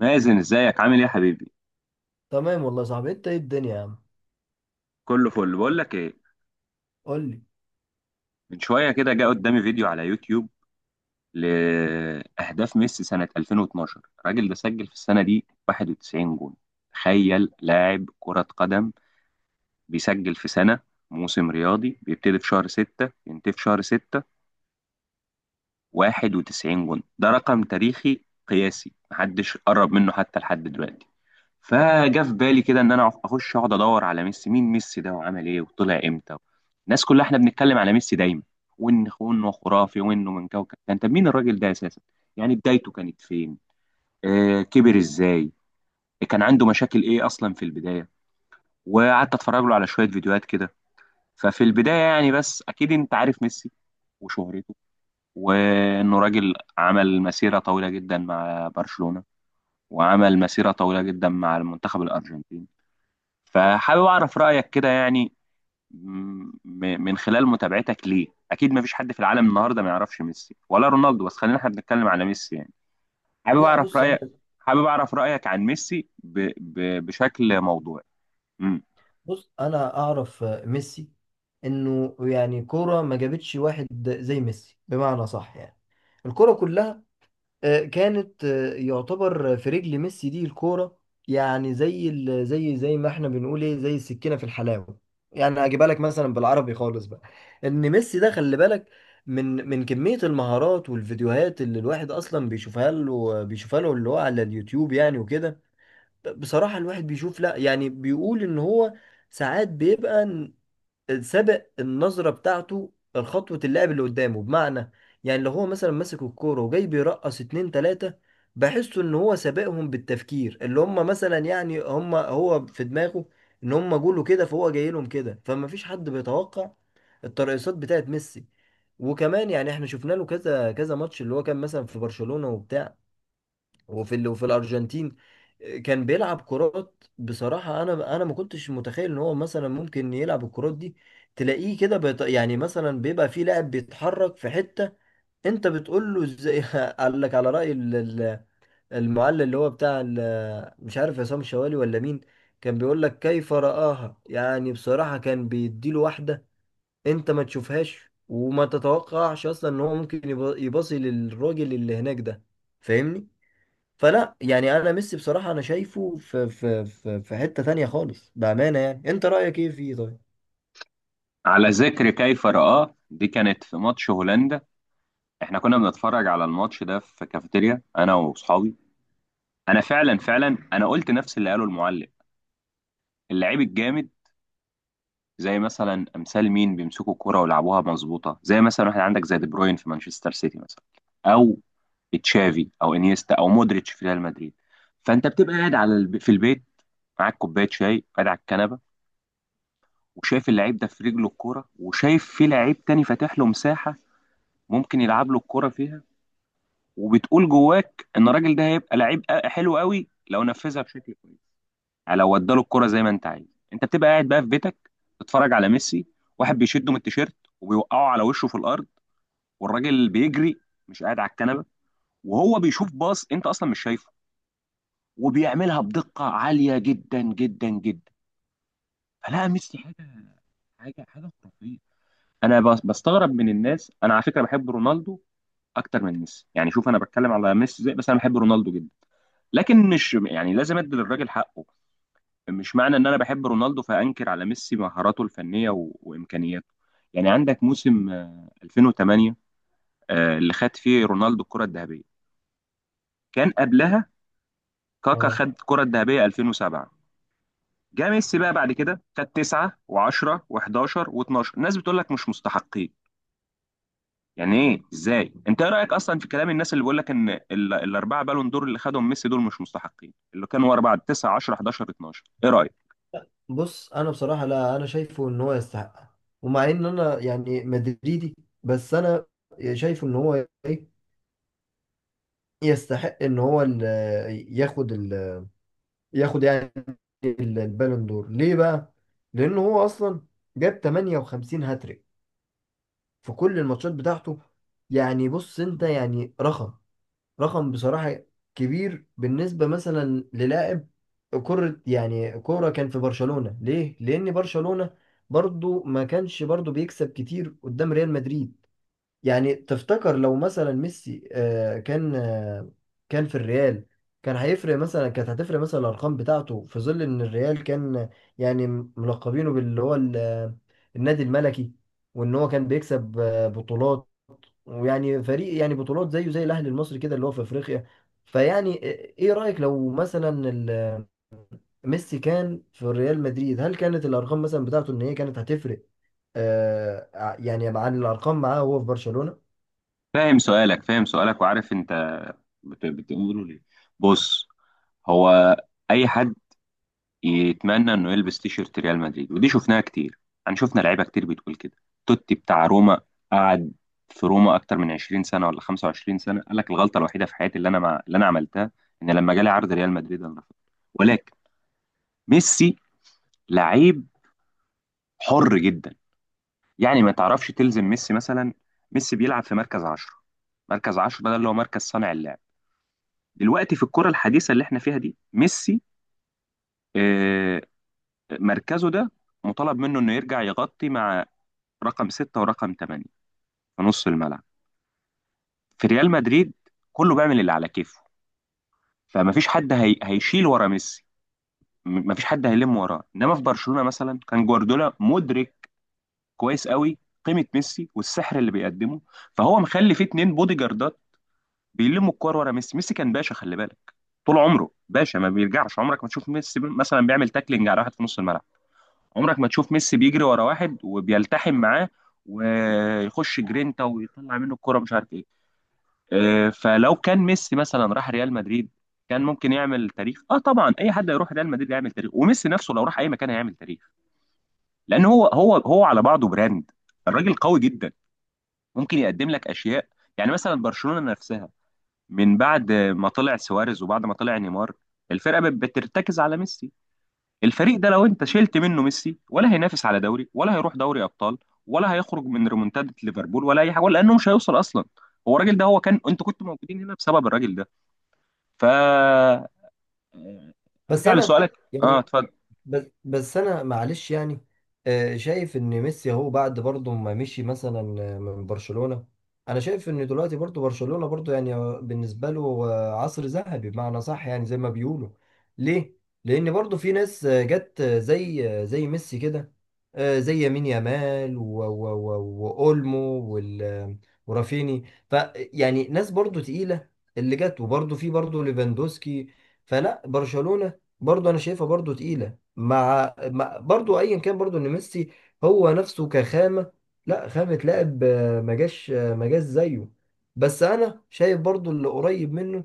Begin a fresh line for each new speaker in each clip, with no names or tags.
مازن، ازيك؟ عامل ايه يا حبيبي؟
تمام والله يا صاحبي، انت ايه الدنيا يا عم؟
كله فل. بقول لك ايه؟
قول لي.
من شويه كده جه قدامي فيديو على يوتيوب لاهداف ميسي سنه 2012. الراجل ده سجل في السنه دي 91 جون. تخيل لاعب كره قدم بيسجل في سنه، موسم رياضي بيبتدي في شهر 6 ينتهي في شهر 6، 91 جون ده رقم تاريخي قياسي محدش قرب منه حتى لحد دلوقتي. فجا في بالي كده ان انا اخش اقعد ادور على ميسي، مين ميسي ده وعمل ايه وطلع امتى. الناس كلها احنا بنتكلم على ميسي دايما، وانه خرافي وانه من كوكب كان. طب مين الراجل ده اساسا؟ يعني بدايته كانت فين؟ آه، كبر ازاي؟ كان عنده مشاكل ايه اصلا في البدايه؟ وقعدت اتفرج له على شويه فيديوهات كده. ففي البدايه يعني بس اكيد انت عارف ميسي وشهرته وانه راجل عمل مسيره طويله جدا مع برشلونه، وعمل مسيره طويله جدا مع المنتخب الارجنتيني. فحابب أعرف رأيك كده يعني. م- من خلال متابعتك ليه، أكيد ما فيش حد في العالم النهاردة ما يعرفش ميسي ولا رونالدو، بس خلينا احنا بنتكلم على ميسي يعني. حابب
لا،
أعرف
بص انا
رأيك. حابب أعرف رأيك عن ميسي بشكل موضوعي. مم.
بص انا اعرف ميسي، انه يعني كوره ما جابتش واحد زي ميسي بمعنى صح. يعني الكوره كلها كانت، يعتبر في رجل ميسي دي الكوره. يعني زي ال- زي زي ما احنا بنقول ايه، زي السكينه في الحلاوه. يعني هجيبها لك مثلا بالعربي خالص بقى، ان ميسي ده خلي بالك من كمية المهارات والفيديوهات، اللي الواحد أصلا بيشوفها له، اللي هو على اليوتيوب يعني وكده. بصراحة الواحد بيشوف، لا يعني بيقول ان هو ساعات بيبقى سابق النظرة بتاعته خطوة اللاعب اللي قدامه. بمعنى يعني لو هو مثلا ماسك الكورة وجاي بيرقص اتنين تلاتة، بحسه ان هو سابقهم بالتفكير، اللي هم مثلا يعني هم، هو في دماغه ان هم جوله كده، فهو جاي لهم كده، فما فيش حد بيتوقع الترقصات بتاعت ميسي. وكمان يعني احنا شفنا له كذا كذا ماتش، اللي هو كان مثلا في برشلونة وبتاع، وفي الارجنتين. كان بيلعب كرات بصراحه، انا ما كنتش متخيل ان هو مثلا ممكن يلعب الكرات دي. تلاقيه كده يعني مثلا بيبقى في لاعب بيتحرك في حته، انت بتقول له ازاي، قال لك على راي المعلق، اللي هو مش عارف، عصام شوالي ولا مين، كان بيقول لك كيف رآها. يعني بصراحه كان بيديله واحده انت ما تشوفهاش وما تتوقعش اصلا ان هو ممكن يباصي للراجل اللي هناك ده. فاهمني؟ فلا يعني انا ميسي بصراحة انا شايفه في حتة تانية خالص بأمانة. يعني انت رأيك ايه فيه طيب؟
على ذكر كيف رآه، دي كانت في ماتش هولندا. احنا كنا بنتفرج على الماتش ده في كافيتيريا، أنا وأصحابي. أنا فعلا فعلا أنا قلت نفس اللي قاله المعلق. اللعيب الجامد زي مثلا امثال مين بيمسكوا الكرة ويلعبوها مظبوطه، زي مثلا واحد عندك زي دي بروين في مانشستر سيتي مثلا، او تشافي او انيستا او مودريتش في ريال مدريد. فانت بتبقى قاعد على في البيت، معاك كوبايه شاي، قاعد على الكنبه، وشايف اللعيب ده في رجله الكوره، وشايف في لعيب تاني فاتح له مساحه ممكن يلعب له الكوره فيها. وبتقول جواك ان الراجل ده هيبقى لعيب حلو قوي لو نفذها بشكل كويس، يعني لو اداله الكرة زي ما انت عايز. انت بتبقى قاعد بقى في بيتك، تتفرج على ميسي، واحد بيشده من التيشيرت وبيوقعه على وشه في الارض، والراجل بيجري، مش قاعد على الكنبه، وهو بيشوف باص انت اصلا مش شايفه، وبيعملها بدقة عالية جدا جدا جدا. فلا، ميسي حاجة، حاجة خرافية. انا بستغرب من الناس. انا على فكرة بحب رونالدو اكتر من ميسي يعني، شوف، انا بتكلم على ميسي زي، بس انا بحب رونالدو جدا، لكن مش يعني لازم ادي للراجل حقه. مش معنى ان انا بحب رونالدو فانكر على ميسي مهاراته الفنيه وامكانياته. يعني عندك موسم 2008، اللي خد فيه رونالدو الكره الذهبيه. كان قبلها كاكا
اه،
خد الكره الذهبيه 2007. جه ميسي بقى بعد كده خد 9 و10 و11 و12. الناس بتقول لك مش مستحقين. يعني ايه؟ ازاي؟ انت ايه رايك اصلا في كلام الناس اللي بيقول لك ان الاربعه بالون دور اللي خدهم ميسي دول مش مستحقين، اللي كانوا ورا بعض 9 10 11 12؟ ايه رايك؟
بص انا بصراحة، لا انا شايفه ان هو يستحق. ومع ان انا يعني مدريدي، بس انا شايفه ان هو ايه، يستحق ان هو ال- ياخد ال ياخد يعني البالون دور. ليه بقى؟ لانه هو اصلا جاب 58 هاتريك في كل الماتشات بتاعته. يعني بص انت يعني، رقم بصراحة كبير بالنسبة مثلا للاعب كرة، يعني كورة، كان في برشلونة ليه؟ لأن برشلونة برضو ما كانش برضو بيكسب كتير قدام ريال مدريد. يعني تفتكر لو مثلا ميسي كان في الريال، كانت هتفرق مثلا الأرقام بتاعته، في ظل إن الريال كان يعني ملقبينه باللي هو النادي الملكي، وإن هو كان بيكسب بطولات، ويعني فريق يعني بطولات زيه زي الاهلي المصري كده، اللي هو في افريقيا. فيعني إيه رايك لو مثلا ميسي كان في ريال مدريد، هل كانت الارقام مثلا بتاعته ان هي كانت هتفرق يعني عن الارقام معاه وهو في برشلونه؟
فاهم سؤالك، فاهم سؤالك، وعارف انت بتقولوا ليه. بص، هو اي حد يتمنى انه يلبس تيشيرت ريال مدريد، ودي شفناها كتير، يعني شفنا لعيبه كتير بتقول كده. توتي بتاع روما قعد في روما اكتر من 20 سنه ولا 25 سنه، قال لك الغلطه الوحيده في حياتي اللي انا اللي انا عملتها ان لما جالي عرض ريال مدريد انا رفضت. ولكن ميسي لعيب حر جدا، يعني ما تعرفش تلزم ميسي مثلا. ميسي بيلعب في مركز 10. مركز 10 ده اللي هو مركز صانع اللعب. دلوقتي في الكره الحديثه اللي احنا فيها دي، ميسي آه، مركزه ده مطالب منه انه يرجع يغطي مع رقم ستة ورقم ثمانية في نص الملعب. في ريال مدريد كله بيعمل اللي على كيفه، فمفيش حد هيشيل ورا ميسي، مفيش حد هيلم وراه. انما في برشلونة مثلا، كان جوارديولا مدرك كويس قوي قيمة ميسي والسحر اللي بيقدمه. فهو مخلي فيه اتنين بودي جاردات بيلموا الكور ورا ميسي. ميسي كان باشا، خلي بالك، طول عمره باشا ما بيرجعش. عمرك ما تشوف ميسي مثلا بيعمل تاكلينج على واحد في نص الملعب. عمرك ما تشوف ميسي بيجري ورا واحد وبيلتحم معاه ويخش جرينتا ويطلع منه الكرة مش عارف ايه. فلو كان ميسي مثلا راح ريال مدريد، كان ممكن يعمل تاريخ. اه طبعا، اي حد يروح ريال مدريد يعمل تاريخ، وميسي نفسه لو راح اي مكان هيعمل تاريخ، لان هو على بعضه براند. الراجل قوي جدا، ممكن يقدم لك اشياء. يعني مثلا برشلونة نفسها من بعد ما طلع سواريز وبعد ما طلع نيمار، الفرقة بترتكز على ميسي. الفريق ده لو انت شلت منه ميسي، ولا هينافس على دوري، ولا هيروح دوري ابطال، ولا هيخرج من ريمونتادة ليفربول، ولا اي حاجه، ولا انه مش هيوصل اصلا. هو الراجل ده، هو كان، انتوا كنتوا موجودين هنا بسبب الراجل ده. ف
بس
ارجع
انا
لسؤالك. اه،
يعني
اتفضل.
بس انا معلش يعني، شايف ان ميسي هو بعد برضه ما مشي مثلا من برشلونة. انا شايف ان دلوقتي برضه برشلونة برضه يعني بالنسبة له عصر ذهبي بمعنى صح، يعني زي ما بيقولوا. ليه؟ لان برضه في ناس جت، زي ميسي كده، زي يمين يامال واولمو، وال- آه، ورافيني. فيعني ناس برضه تقيلة اللي جت، وبرضه في برضه ليفاندوسكي. فلا برشلونة برضه انا شايفها برضه تقيلة، مع برضو ايا كان، برضو ان ميسي هو نفسه كخامه، لا، خامه لاعب ما جاش زيه. بس انا شايف برضو اللي قريب منه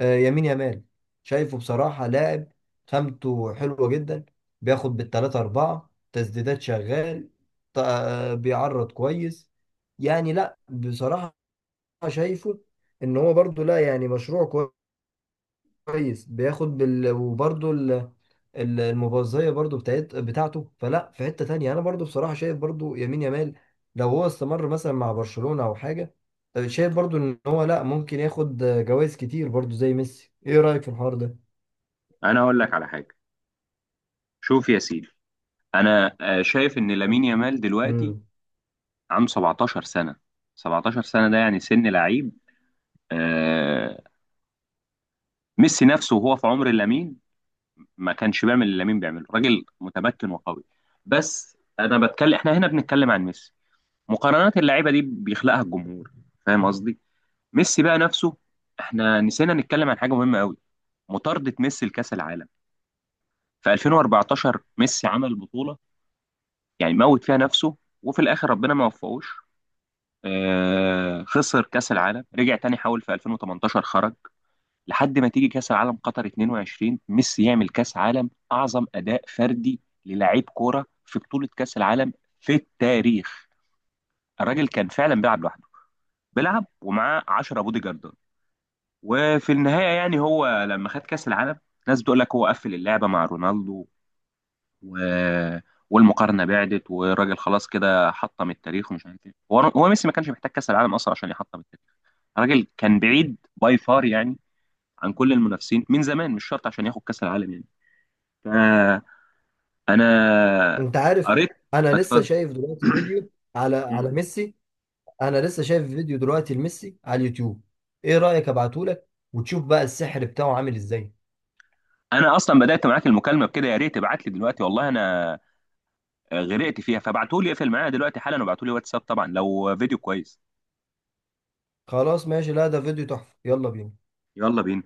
يمين يامال، شايفه بصراحه لاعب خامته حلوه جدا، بياخد بالتلاتة أربعة تسديدات شغال، بيعرض كويس. يعني لا بصراحه شايفه ان هو برضو، لا يعني مشروع كويس بياخد وبرضه المبازية برضه بتاعته. فلا في حتة تانية، انا برضه بصراحة شايف برضه يمين يامال، لو هو استمر مثلا مع برشلونة او حاجة، شايف برضه ان هو لا ممكن ياخد جوائز كتير برضه زي ميسي. ايه رأيك في الحوار ده؟
انا هقول لك على حاجه. شوف يا سيدي، انا شايف ان لامين يامال دلوقتي
امم.
عنده 17 سنه. 17 سنه ده يعني سن لعيب. آه، ميسي نفسه وهو في عمر لامين ما كانش بيعمل اللي لامين بيعمله. راجل متمكن وقوي، بس انا بتكلم، احنا هنا بنتكلم عن ميسي. مقارنات اللعيبه دي بيخلقها الجمهور، فاهم قصدي؟ ميسي بقى نفسه، احنا نسينا نتكلم عن حاجه مهمه قوي، مطارده ميسي لكاس العالم. في 2014 ميسي عمل بطوله يعني موت فيها نفسه، وفي الاخر ربنا ما وفقوش. آه، خسر كاس العالم، رجع تاني حاول في 2018 خرج. لحد ما تيجي كاس العالم قطر 22، ميسي يعمل كاس عالم اعظم اداء فردي للاعيب كوره في بطوله كاس العالم في التاريخ. الراجل كان فعلا بيلعب لوحده، بيلعب ومعاه 10 بودي جاردات. وفي النهايه يعني هو لما خد كاس العالم، ناس بتقول لك هو قفل اللعبه مع رونالدو و... والمقارنه بعدت والراجل خلاص كده حطم التاريخ ومش عارف ايه. هو هو ميسي ما كانش محتاج كاس العالم اصلا عشان يحطم التاريخ. الراجل كان بعيد باي فار يعني عن كل المنافسين من زمان، مش شرط عشان ياخد كاس العالم يعني. فانا
انت عارف،
قريت.
انا لسه
اتفضل.
شايف دلوقتي فيديو على
مم.
على ميسي، انا لسه شايف فيديو دلوقتي لميسي على اليوتيوب. ايه رأيك ابعتهولك وتشوف بقى السحر بتاعه عامل ازاي؟
انا اصلا بدات معاك المكالمه بكده، يا ريت تبعت لي دلوقتي، والله انا غرقت فيها، فابعتهولي، اقفل معايا دلوقتي حالا وابعتهولي واتساب طبعا لو فيديو كويس.
خلاص ماشي، لا ده فيديو تحفة، يلا بينا.
يلا بينا.